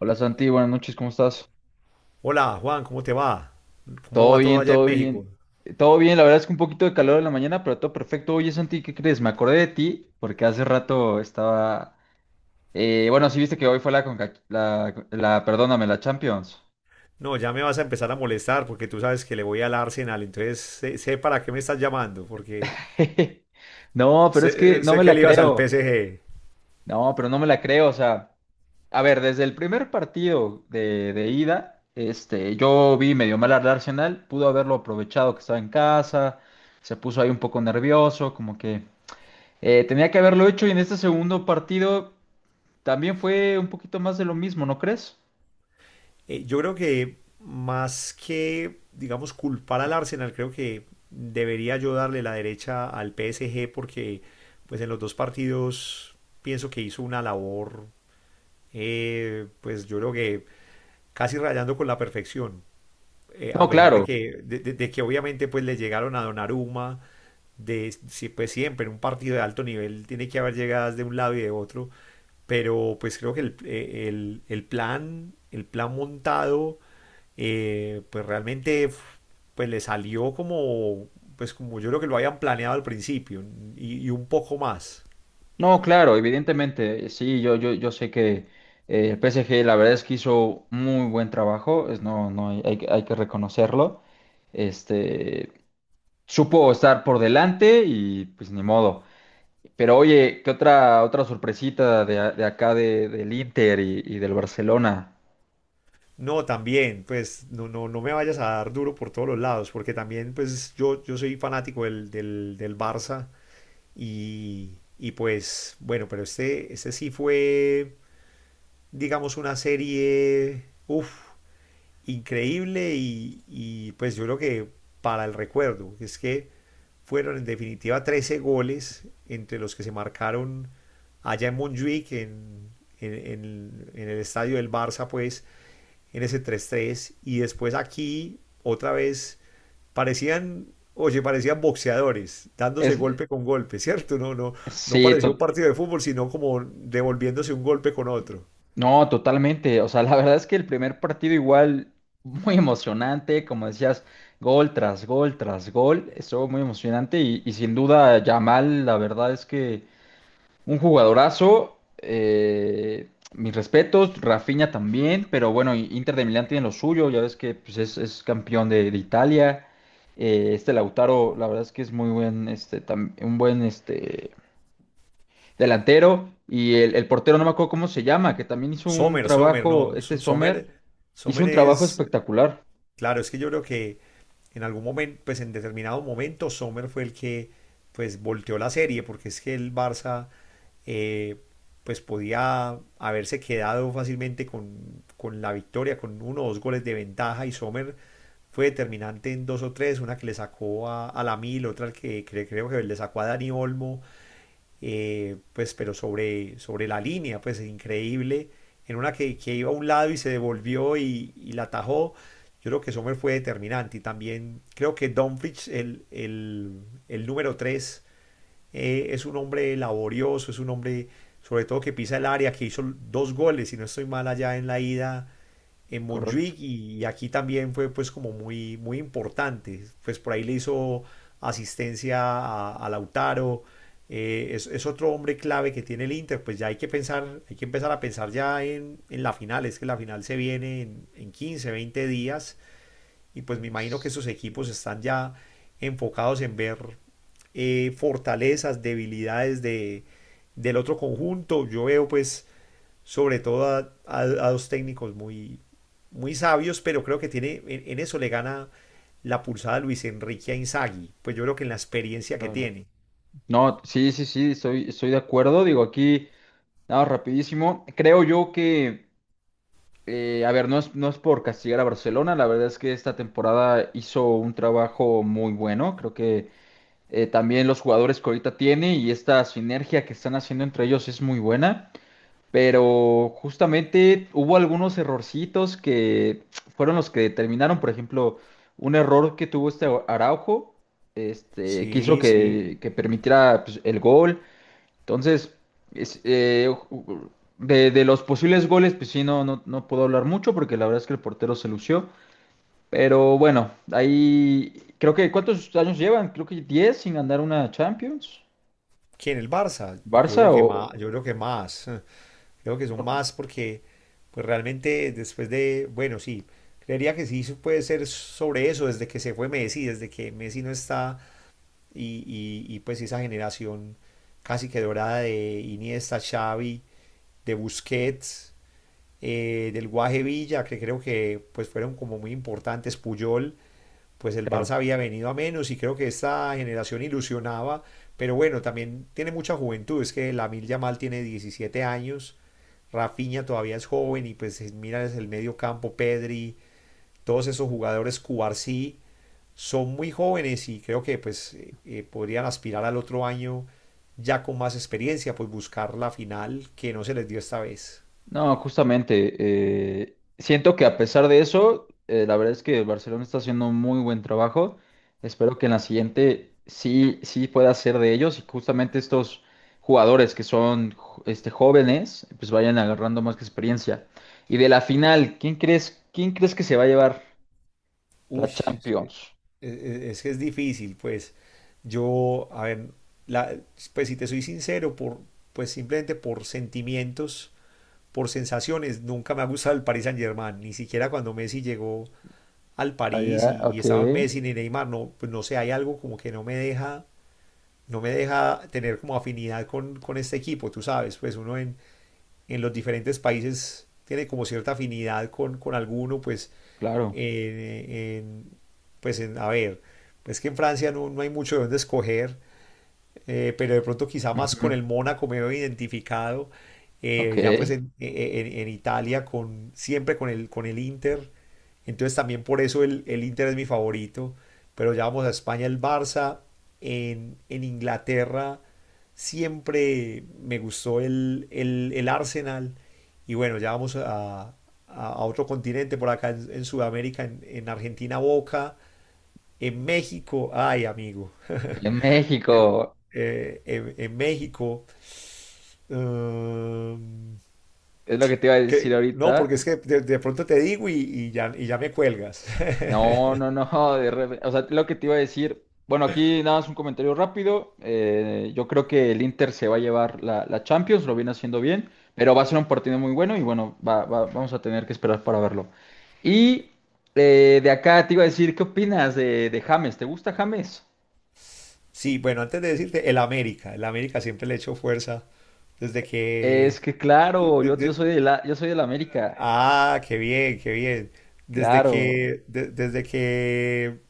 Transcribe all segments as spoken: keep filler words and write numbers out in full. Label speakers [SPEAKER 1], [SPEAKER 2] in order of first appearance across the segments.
[SPEAKER 1] Hola Santi, buenas noches, ¿cómo estás?
[SPEAKER 2] Hola Juan, ¿cómo te va? ¿Cómo
[SPEAKER 1] Todo
[SPEAKER 2] va todo
[SPEAKER 1] bien,
[SPEAKER 2] allá en
[SPEAKER 1] todo
[SPEAKER 2] México?
[SPEAKER 1] bien. Eh, Todo bien, la verdad es que un poquito de calor en la mañana, pero todo perfecto. Oye Santi, ¿qué crees? Me acordé de ti porque hace rato estaba. Eh, bueno, sí viste que hoy fue la, Conca- la, la, perdóname, la Champions.
[SPEAKER 2] No, ya me vas a empezar a molestar porque tú sabes que le voy al Arsenal, entonces sé, sé para qué me estás llamando, porque
[SPEAKER 1] No, pero es que
[SPEAKER 2] sé,
[SPEAKER 1] no
[SPEAKER 2] sé
[SPEAKER 1] me
[SPEAKER 2] que
[SPEAKER 1] la
[SPEAKER 2] le ibas al
[SPEAKER 1] creo.
[SPEAKER 2] P S G.
[SPEAKER 1] No, pero no me la creo. O sea, a ver, desde el primer partido de, de ida, este, yo vi medio mal al Arsenal, pudo haberlo aprovechado que estaba en casa, se puso ahí un poco nervioso, como que. Eh, tenía que haberlo hecho y en este segundo partido también fue un poquito más de lo mismo, ¿no crees?
[SPEAKER 2] Eh, yo creo que más que, digamos, culpar al Arsenal, creo que debería yo darle la derecha al P S G porque, pues, en los dos partidos pienso que hizo una labor, eh, pues, yo creo que casi rayando con la perfección. eh, a
[SPEAKER 1] No,
[SPEAKER 2] pesar de
[SPEAKER 1] claro,
[SPEAKER 2] que, de, de- de que obviamente pues le llegaron a Donnarumma, de, si- pues siempre en un partido de alto nivel tiene que haber llegadas de un lado y de otro, pero pues creo que el, eh, el- el plan, el plan montado, eh, pues realmente f- pues le salió como, pues como yo creo que lo habían planeado al principio y, y un poco más.
[SPEAKER 1] no, claro, evidentemente, sí, yo, yo, yo sé que eh, el P S G la verdad es que hizo muy buen trabajo, es, no, no, hay, hay que hay que reconocerlo, este, supo estar por delante y pues ni modo. Pero oye, ¿qué otra, otra sorpresita de, a- de acá de- del Inter y, y del Barcelona?
[SPEAKER 2] No, también, pues no, no, no me vayas a dar duro por todos los lados, porque también pues yo, yo soy fanático del, del, del Barça. Y, y pues, bueno, pero este, este sí fue, digamos, una serie, uff, increíble y, y pues yo creo que para el recuerdo, es que fueron en definitiva trece goles entre los que se marcaron allá en Montjuic, en, en, en- en el estadio del Barça, pues, en ese tres tres. Y después aquí, otra vez, Parecían, oye, parecían boxeadores, dándose
[SPEAKER 1] Es,
[SPEAKER 2] golpe con golpe, ¿cierto? No, no, no
[SPEAKER 1] sí.
[SPEAKER 2] parecía un partido de fútbol, sino como devolviéndose un golpe con otro.
[SPEAKER 1] No, totalmente. O sea, la verdad es que el primer partido igual muy emocionante, como decías, gol tras gol tras gol, estuvo muy emocionante y, y sin duda Yamal, la verdad es que un jugadorazo, eh, mis respetos, Rafinha también, pero bueno, y- Inter de Milán tiene lo suyo, ya ves que pues, es, es campeón de, de Italia. Eh, este Lautaro, la verdad es que es muy buen, este, tam- un buen este, delantero, y el, el portero, no me acuerdo cómo se llama, que también hizo un
[SPEAKER 2] Sommer, Sommer,
[SPEAKER 1] trabajo,
[SPEAKER 2] no,
[SPEAKER 1] este Sommer,
[SPEAKER 2] Sommer,
[SPEAKER 1] hizo
[SPEAKER 2] Sommer
[SPEAKER 1] un trabajo
[SPEAKER 2] es,
[SPEAKER 1] espectacular.
[SPEAKER 2] claro, es que yo creo que en algún momento, pues en determinado momento, Sommer fue el que pues volteó la serie, porque es que el Barça eh, pues podía haberse quedado fácilmente con, con la victoria, con uno o dos goles de ventaja, y Sommer fue determinante en dos o tres, una que le sacó a, a la Mil, otra que, que creo que le sacó a Dani Olmo, eh, pues, pero sobre, sobre la línea, pues increíble, en una que, que iba a un lado y se devolvió y, y la atajó. Yo creo que Sommer fue determinante, y también creo que Dumfries, el, el, el número tres, eh, es un hombre laborioso, es un hombre sobre todo que pisa el área, que hizo dos goles, si no estoy mal, allá en la ida en
[SPEAKER 1] Correcto.
[SPEAKER 2] Montjuic, y aquí también fue pues como muy, muy importante. Pues por ahí le hizo asistencia a, a Lautaro. Eh, es, es, otro hombre clave que tiene el Inter. Pues ya hay que pensar, hay que empezar a pensar ya en, en la final, es que la final se viene en, en quince, veinte días, y pues me imagino que
[SPEAKER 1] Sí,
[SPEAKER 2] esos equipos están ya enfocados en ver eh, fortalezas, debilidades de, del otro conjunto. Yo veo pues sobre todo a, a- a dos técnicos muy, muy sabios, pero creo que tiene, en, en eso le gana la pulsada Luis Enrique a Inzaghi, pues yo creo que en la experiencia que
[SPEAKER 1] claro.
[SPEAKER 2] tiene.
[SPEAKER 1] No, sí, sí, sí, estoy, estoy de acuerdo. Digo, aquí, nada, rapidísimo. Creo yo que, eh, a ver, no es, no es por castigar a Barcelona, la verdad es que esta temporada hizo un trabajo muy bueno. Creo que eh, también los jugadores que ahorita tiene y esta sinergia que están haciendo entre ellos es muy buena. Pero justamente hubo algunos errorcitos que fueron los que determinaron, por ejemplo, un error que tuvo este Araujo, este, que hizo
[SPEAKER 2] Sí, sí.
[SPEAKER 1] que, que permitiera pues, el gol. Entonces, es- eh, ju- de, de los posibles goles, pues sí, no, no, no puedo hablar mucho porque la verdad es que el portero se lució. Pero bueno, ahí creo que ¿cuántos años llevan? Creo que diez sin ganar una Champions.
[SPEAKER 2] ¿Quién, el Barça? Yo creo
[SPEAKER 1] Barça
[SPEAKER 2] que más,
[SPEAKER 1] o.
[SPEAKER 2] yo creo que más, eh, creo que son más porque pues realmente después de, bueno, sí, creería que sí se puede ser sobre eso desde que se fue Messi, desde que Messi no está y, y- y, pues esa generación casi que dorada de Iniesta, Xavi, de Busquets, eh, del Guaje Villa, que creo que pues fueron como muy importantes, Puyol, pues el Barça
[SPEAKER 1] Claro.
[SPEAKER 2] había venido a menos y creo que esta generación ilusionaba, pero bueno, también tiene mucha juventud, es que Lamil Yamal tiene diecisiete años, Rafinha todavía es joven y pues mira es el medio campo, Pedri, todos esos jugadores Cubarsí son muy jóvenes y creo que pues eh, eh, podrían aspirar al otro año ya con más experiencia, pues buscar la final que no se les dio esta vez.
[SPEAKER 1] No, justamente, eh, siento que a pesar de eso, eh, la verdad es que el Barcelona está haciendo un muy buen trabajo. Espero que en la siguiente sí, sí pueda ser de ellos y justamente estos jugadores que son jo- este, jóvenes, pues vayan agarrando más experiencia. Y de la final, ¿quién crees, quién crees que se va a llevar
[SPEAKER 2] Uy,
[SPEAKER 1] la Champions?
[SPEAKER 2] e- e, Es que es difícil, pues yo, a ver, la- pues si te soy sincero, por, pues simplemente por sentimientos, por sensaciones, nunca me ha gustado el Paris Saint-Germain, ni siquiera cuando Messi llegó al París
[SPEAKER 1] Allá,
[SPEAKER 2] y, y
[SPEAKER 1] ok,
[SPEAKER 2] estaba Messi ni Neymar, no, pues no sé, hay algo como que no me deja, no me deja tener como afinidad con, con este equipo, tú sabes, pues uno en en los diferentes países tiene como cierta afinidad con, con alguno, pues,
[SPEAKER 1] claro.
[SPEAKER 2] en, en- pues en- a ver, pues que en Francia no, no hay mucho de dónde escoger. Eh, pero de pronto quizá más con
[SPEAKER 1] Ujú,
[SPEAKER 2] el Mónaco me veo identificado.
[SPEAKER 1] ok.
[SPEAKER 2] Eh, ya pues en, e, e, en- en Italia con, siempre con el, con el Inter, entonces también por eso el, el Inter es mi favorito, pero ya vamos a España el Barça, en, en Inglaterra siempre me gustó el, el- el Arsenal. Y bueno, ya vamos a, a- a otro continente por acá en, en Sudamérica, en en Argentina Boca, en México, ay amigo.
[SPEAKER 1] En
[SPEAKER 2] en,
[SPEAKER 1] México,
[SPEAKER 2] eh, en- en México. mm,
[SPEAKER 1] es lo que te iba a decir
[SPEAKER 2] que, no,
[SPEAKER 1] ahorita.
[SPEAKER 2] porque es que de, de pronto te digo y, y ya, y ya me cuelgas.
[SPEAKER 1] No, no, no, de repente, o sea, lo que te iba a decir, bueno, aquí nada más un comentario rápido, eh, yo creo que el Inter se va a llevar la, la Champions, lo viene haciendo bien, pero va a ser un partido muy bueno y bueno, va- va- vamos a tener que esperar para verlo. Y eh, de acá te iba a decir, ¿qué opinas de, de James? ¿Te gusta James?
[SPEAKER 2] Sí, bueno, antes de decirte, el América. El América siempre le he hecho fuerza desde
[SPEAKER 1] Es
[SPEAKER 2] que.
[SPEAKER 1] que
[SPEAKER 2] de-
[SPEAKER 1] claro,
[SPEAKER 2] de-
[SPEAKER 1] yo, yo
[SPEAKER 2] de-
[SPEAKER 1] soy de la, yo soy del América,
[SPEAKER 2] ah, qué bien, qué bien. Desde
[SPEAKER 1] claro.
[SPEAKER 2] que, de- desde que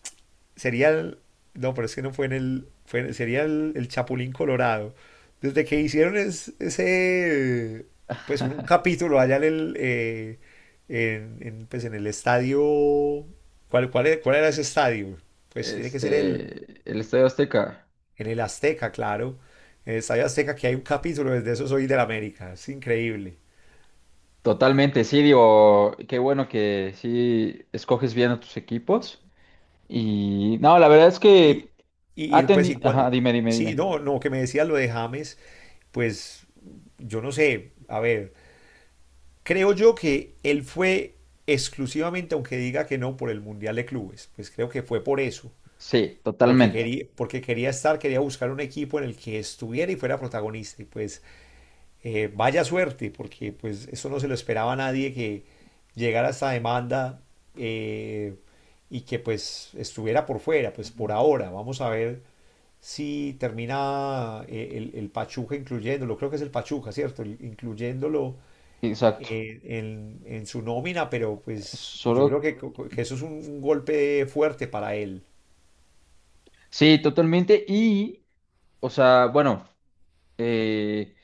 [SPEAKER 2] sería el, no, pero es que no fue en el, fue en- sería el, el Chapulín Colorado. Desde que hicieron es- ese, pues un, un capítulo allá en el, eh, en, en, pues en el estadio. ¿Cuál, cuál era, cuál era ese estadio? Pues tiene que ser el,
[SPEAKER 1] este, El Estadio Azteca.
[SPEAKER 2] en el Azteca, claro. En el estadio Azteca que hay un capítulo, desde eso soy del América, es increíble.
[SPEAKER 1] Totalmente, sí, digo, qué bueno que sí escoges bien a tus equipos. Y no, la verdad es que
[SPEAKER 2] Y, y,
[SPEAKER 1] ha
[SPEAKER 2] y, pues, y
[SPEAKER 1] tenido. Ajá,
[SPEAKER 2] cuál-
[SPEAKER 1] dime, dime,
[SPEAKER 2] sí,
[SPEAKER 1] dime.
[SPEAKER 2] no, no, que me decías lo de James, pues yo no sé, a ver. Creo yo que él fue exclusivamente, aunque diga que no, por el Mundial de Clubes. Pues creo que fue por eso,
[SPEAKER 1] Sí,
[SPEAKER 2] porque
[SPEAKER 1] totalmente.
[SPEAKER 2] quería, porque quería estar, quería buscar un equipo en el que estuviera y fuera protagonista. Y pues eh, vaya suerte, porque pues eso no se lo esperaba a nadie, que llegara esta demanda eh, y que pues estuviera por fuera. Pues por ahora, vamos a ver si termina eh, el, el Pachuca incluyéndolo. Creo que es el Pachuca, ¿cierto? El- incluyéndolo
[SPEAKER 1] Exacto.
[SPEAKER 2] eh, en, en su nómina, pero pues yo creo
[SPEAKER 1] Solo.
[SPEAKER 2] que, co- co- que eso es un, un golpe fuerte para él.
[SPEAKER 1] Sí, totalmente. Y, o sea, bueno. Eh,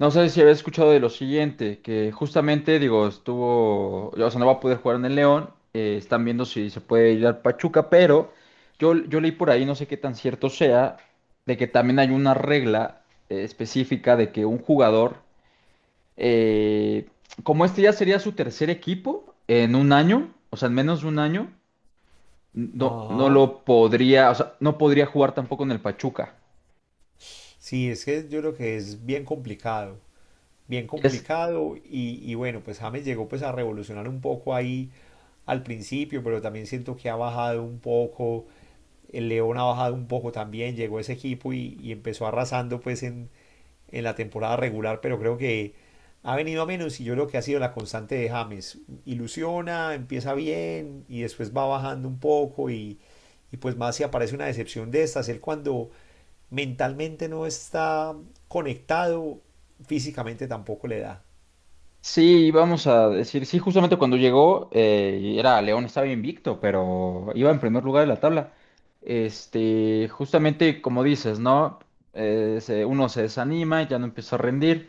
[SPEAKER 1] no sé si había escuchado de lo siguiente, que justamente, digo, estuvo, o sea, no va a poder jugar en el León, eh, están viendo si se puede ir al Pachuca, pero yo, yo leí por ahí, no sé qué tan cierto sea, de que también hay una regla eh, específica de que un jugador, eh, como este ya sería su tercer equipo en un año, o sea, en menos de un año, no, no
[SPEAKER 2] Ajá.
[SPEAKER 1] lo podría, o sea, no podría jugar tampoco en el Pachuca.
[SPEAKER 2] Sí, es que yo creo que es bien complicado. Bien complicado y, y bueno, pues James llegó pues a revolucionar un poco ahí al principio, pero también siento que ha bajado un poco, el León ha bajado un poco también, llegó ese equipo y, y empezó arrasando pues en, en la temporada regular, pero creo que ha venido a menos y yo creo que ha sido la constante de James. Ilusiona, empieza bien y después va bajando un poco, y, y pues más si aparece una decepción de estas, él cuando mentalmente no está conectado, físicamente tampoco le da.
[SPEAKER 1] Sí, vamos a decir, sí, justamente cuando llegó, eh, y era León, estaba invicto, pero iba en primer lugar de la tabla. Este, justamente como dices, ¿no? Eh, se- uno se desanima, ya no empieza a rendir,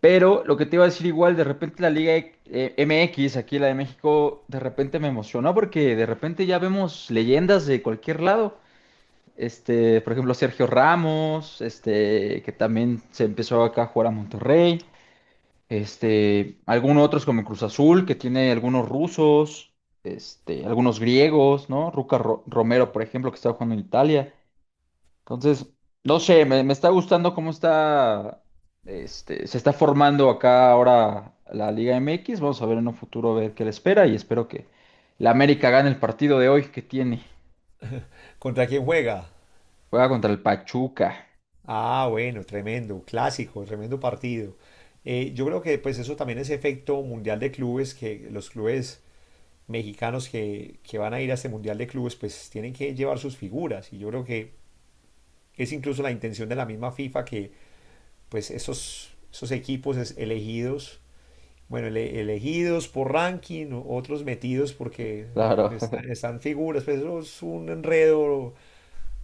[SPEAKER 1] pero lo que te iba a decir igual, de repente la Liga eh, M X, aquí la de México, de repente me emocionó porque de repente ya vemos leyendas de cualquier lado. Este, por ejemplo, Sergio Ramos, este, que también se empezó acá a jugar a Monterrey. Este, algunos otros como Cruz Azul, que tiene algunos rusos, este, algunos griegos, ¿no? Ruca Ro- Romero, por ejemplo, que está jugando en Italia. Entonces, no sé, me, me está gustando cómo está, este, se está formando acá ahora la Liga M X. Vamos a ver en un futuro a ver qué le espera y espero que la América gane el partido de hoy que tiene.
[SPEAKER 2] ¿Contra quién juega?
[SPEAKER 1] Juega contra el Pachuca,
[SPEAKER 2] Ah, bueno, tremendo, clásico, tremendo partido. Eh, yo creo que pues eso también es efecto mundial de clubes, que los clubes mexicanos que, que van a ir a este mundial de clubes pues tienen que llevar sus figuras, y yo creo que es incluso la intención de la misma FIFA, que pues esos, esos equipos elegidos. Bueno, ele- elegidos por ranking, o- otros metidos porque
[SPEAKER 1] claro.
[SPEAKER 2] están, están figuras. Pues eso es un enredo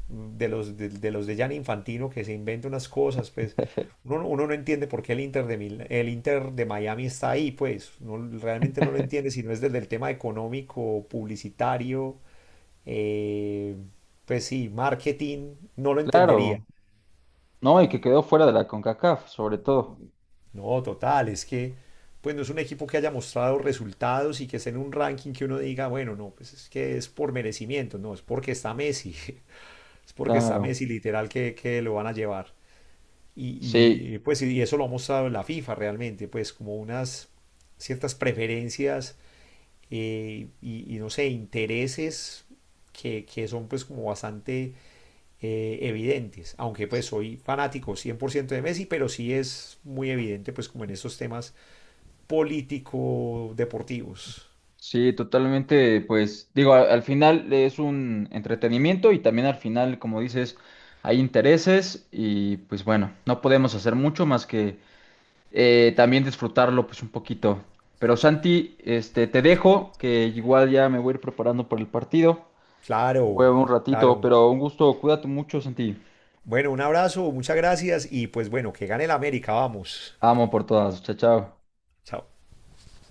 [SPEAKER 2] de los de, de los de Gianni Infantino, que se inventa unas cosas. Pues uno, no, uno no entiende por qué el Inter de Mil- el Inter de Miami está ahí, pues no, realmente no lo entiende si no es desde el tema económico, publicitario, eh, pues sí, marketing, no lo entendería.
[SPEAKER 1] Claro, ¿no? Y que quedó fuera de la CONCACAF, sobre todo,
[SPEAKER 2] No, total, es que pues no es un equipo que haya mostrado resultados y que esté en un ranking, que uno diga, bueno, no, pues es que es por merecimiento, no, es porque está Messi, es porque está
[SPEAKER 1] claro,
[SPEAKER 2] Messi, literal que, que lo van a llevar.
[SPEAKER 1] sí.
[SPEAKER 2] Y, y, pues y eso lo ha mostrado la FIFA realmente, pues como unas ciertas preferencias, eh, y, y, no sé, intereses que, que son pues como bastante eh, evidentes, aunque pues soy fanático cien por ciento de Messi, pero sí es muy evidente pues como en estos temas político-deportivos.
[SPEAKER 1] Sí, totalmente, pues digo, a- al final es un entretenimiento y también al final, como dices, hay intereses y pues bueno, no podemos hacer mucho más que eh, también disfrutarlo pues un poquito. Pero Santi, este, te dejo, que igual ya me voy a ir preparando para el partido. Voy a
[SPEAKER 2] Claro,
[SPEAKER 1] ver un ratito,
[SPEAKER 2] claro.
[SPEAKER 1] pero un gusto, cuídate mucho, Santi.
[SPEAKER 2] Bueno, un abrazo, muchas gracias y pues bueno, que gane el América, vamos.
[SPEAKER 1] Amo por todas, chao, chao.
[SPEAKER 2] Chao.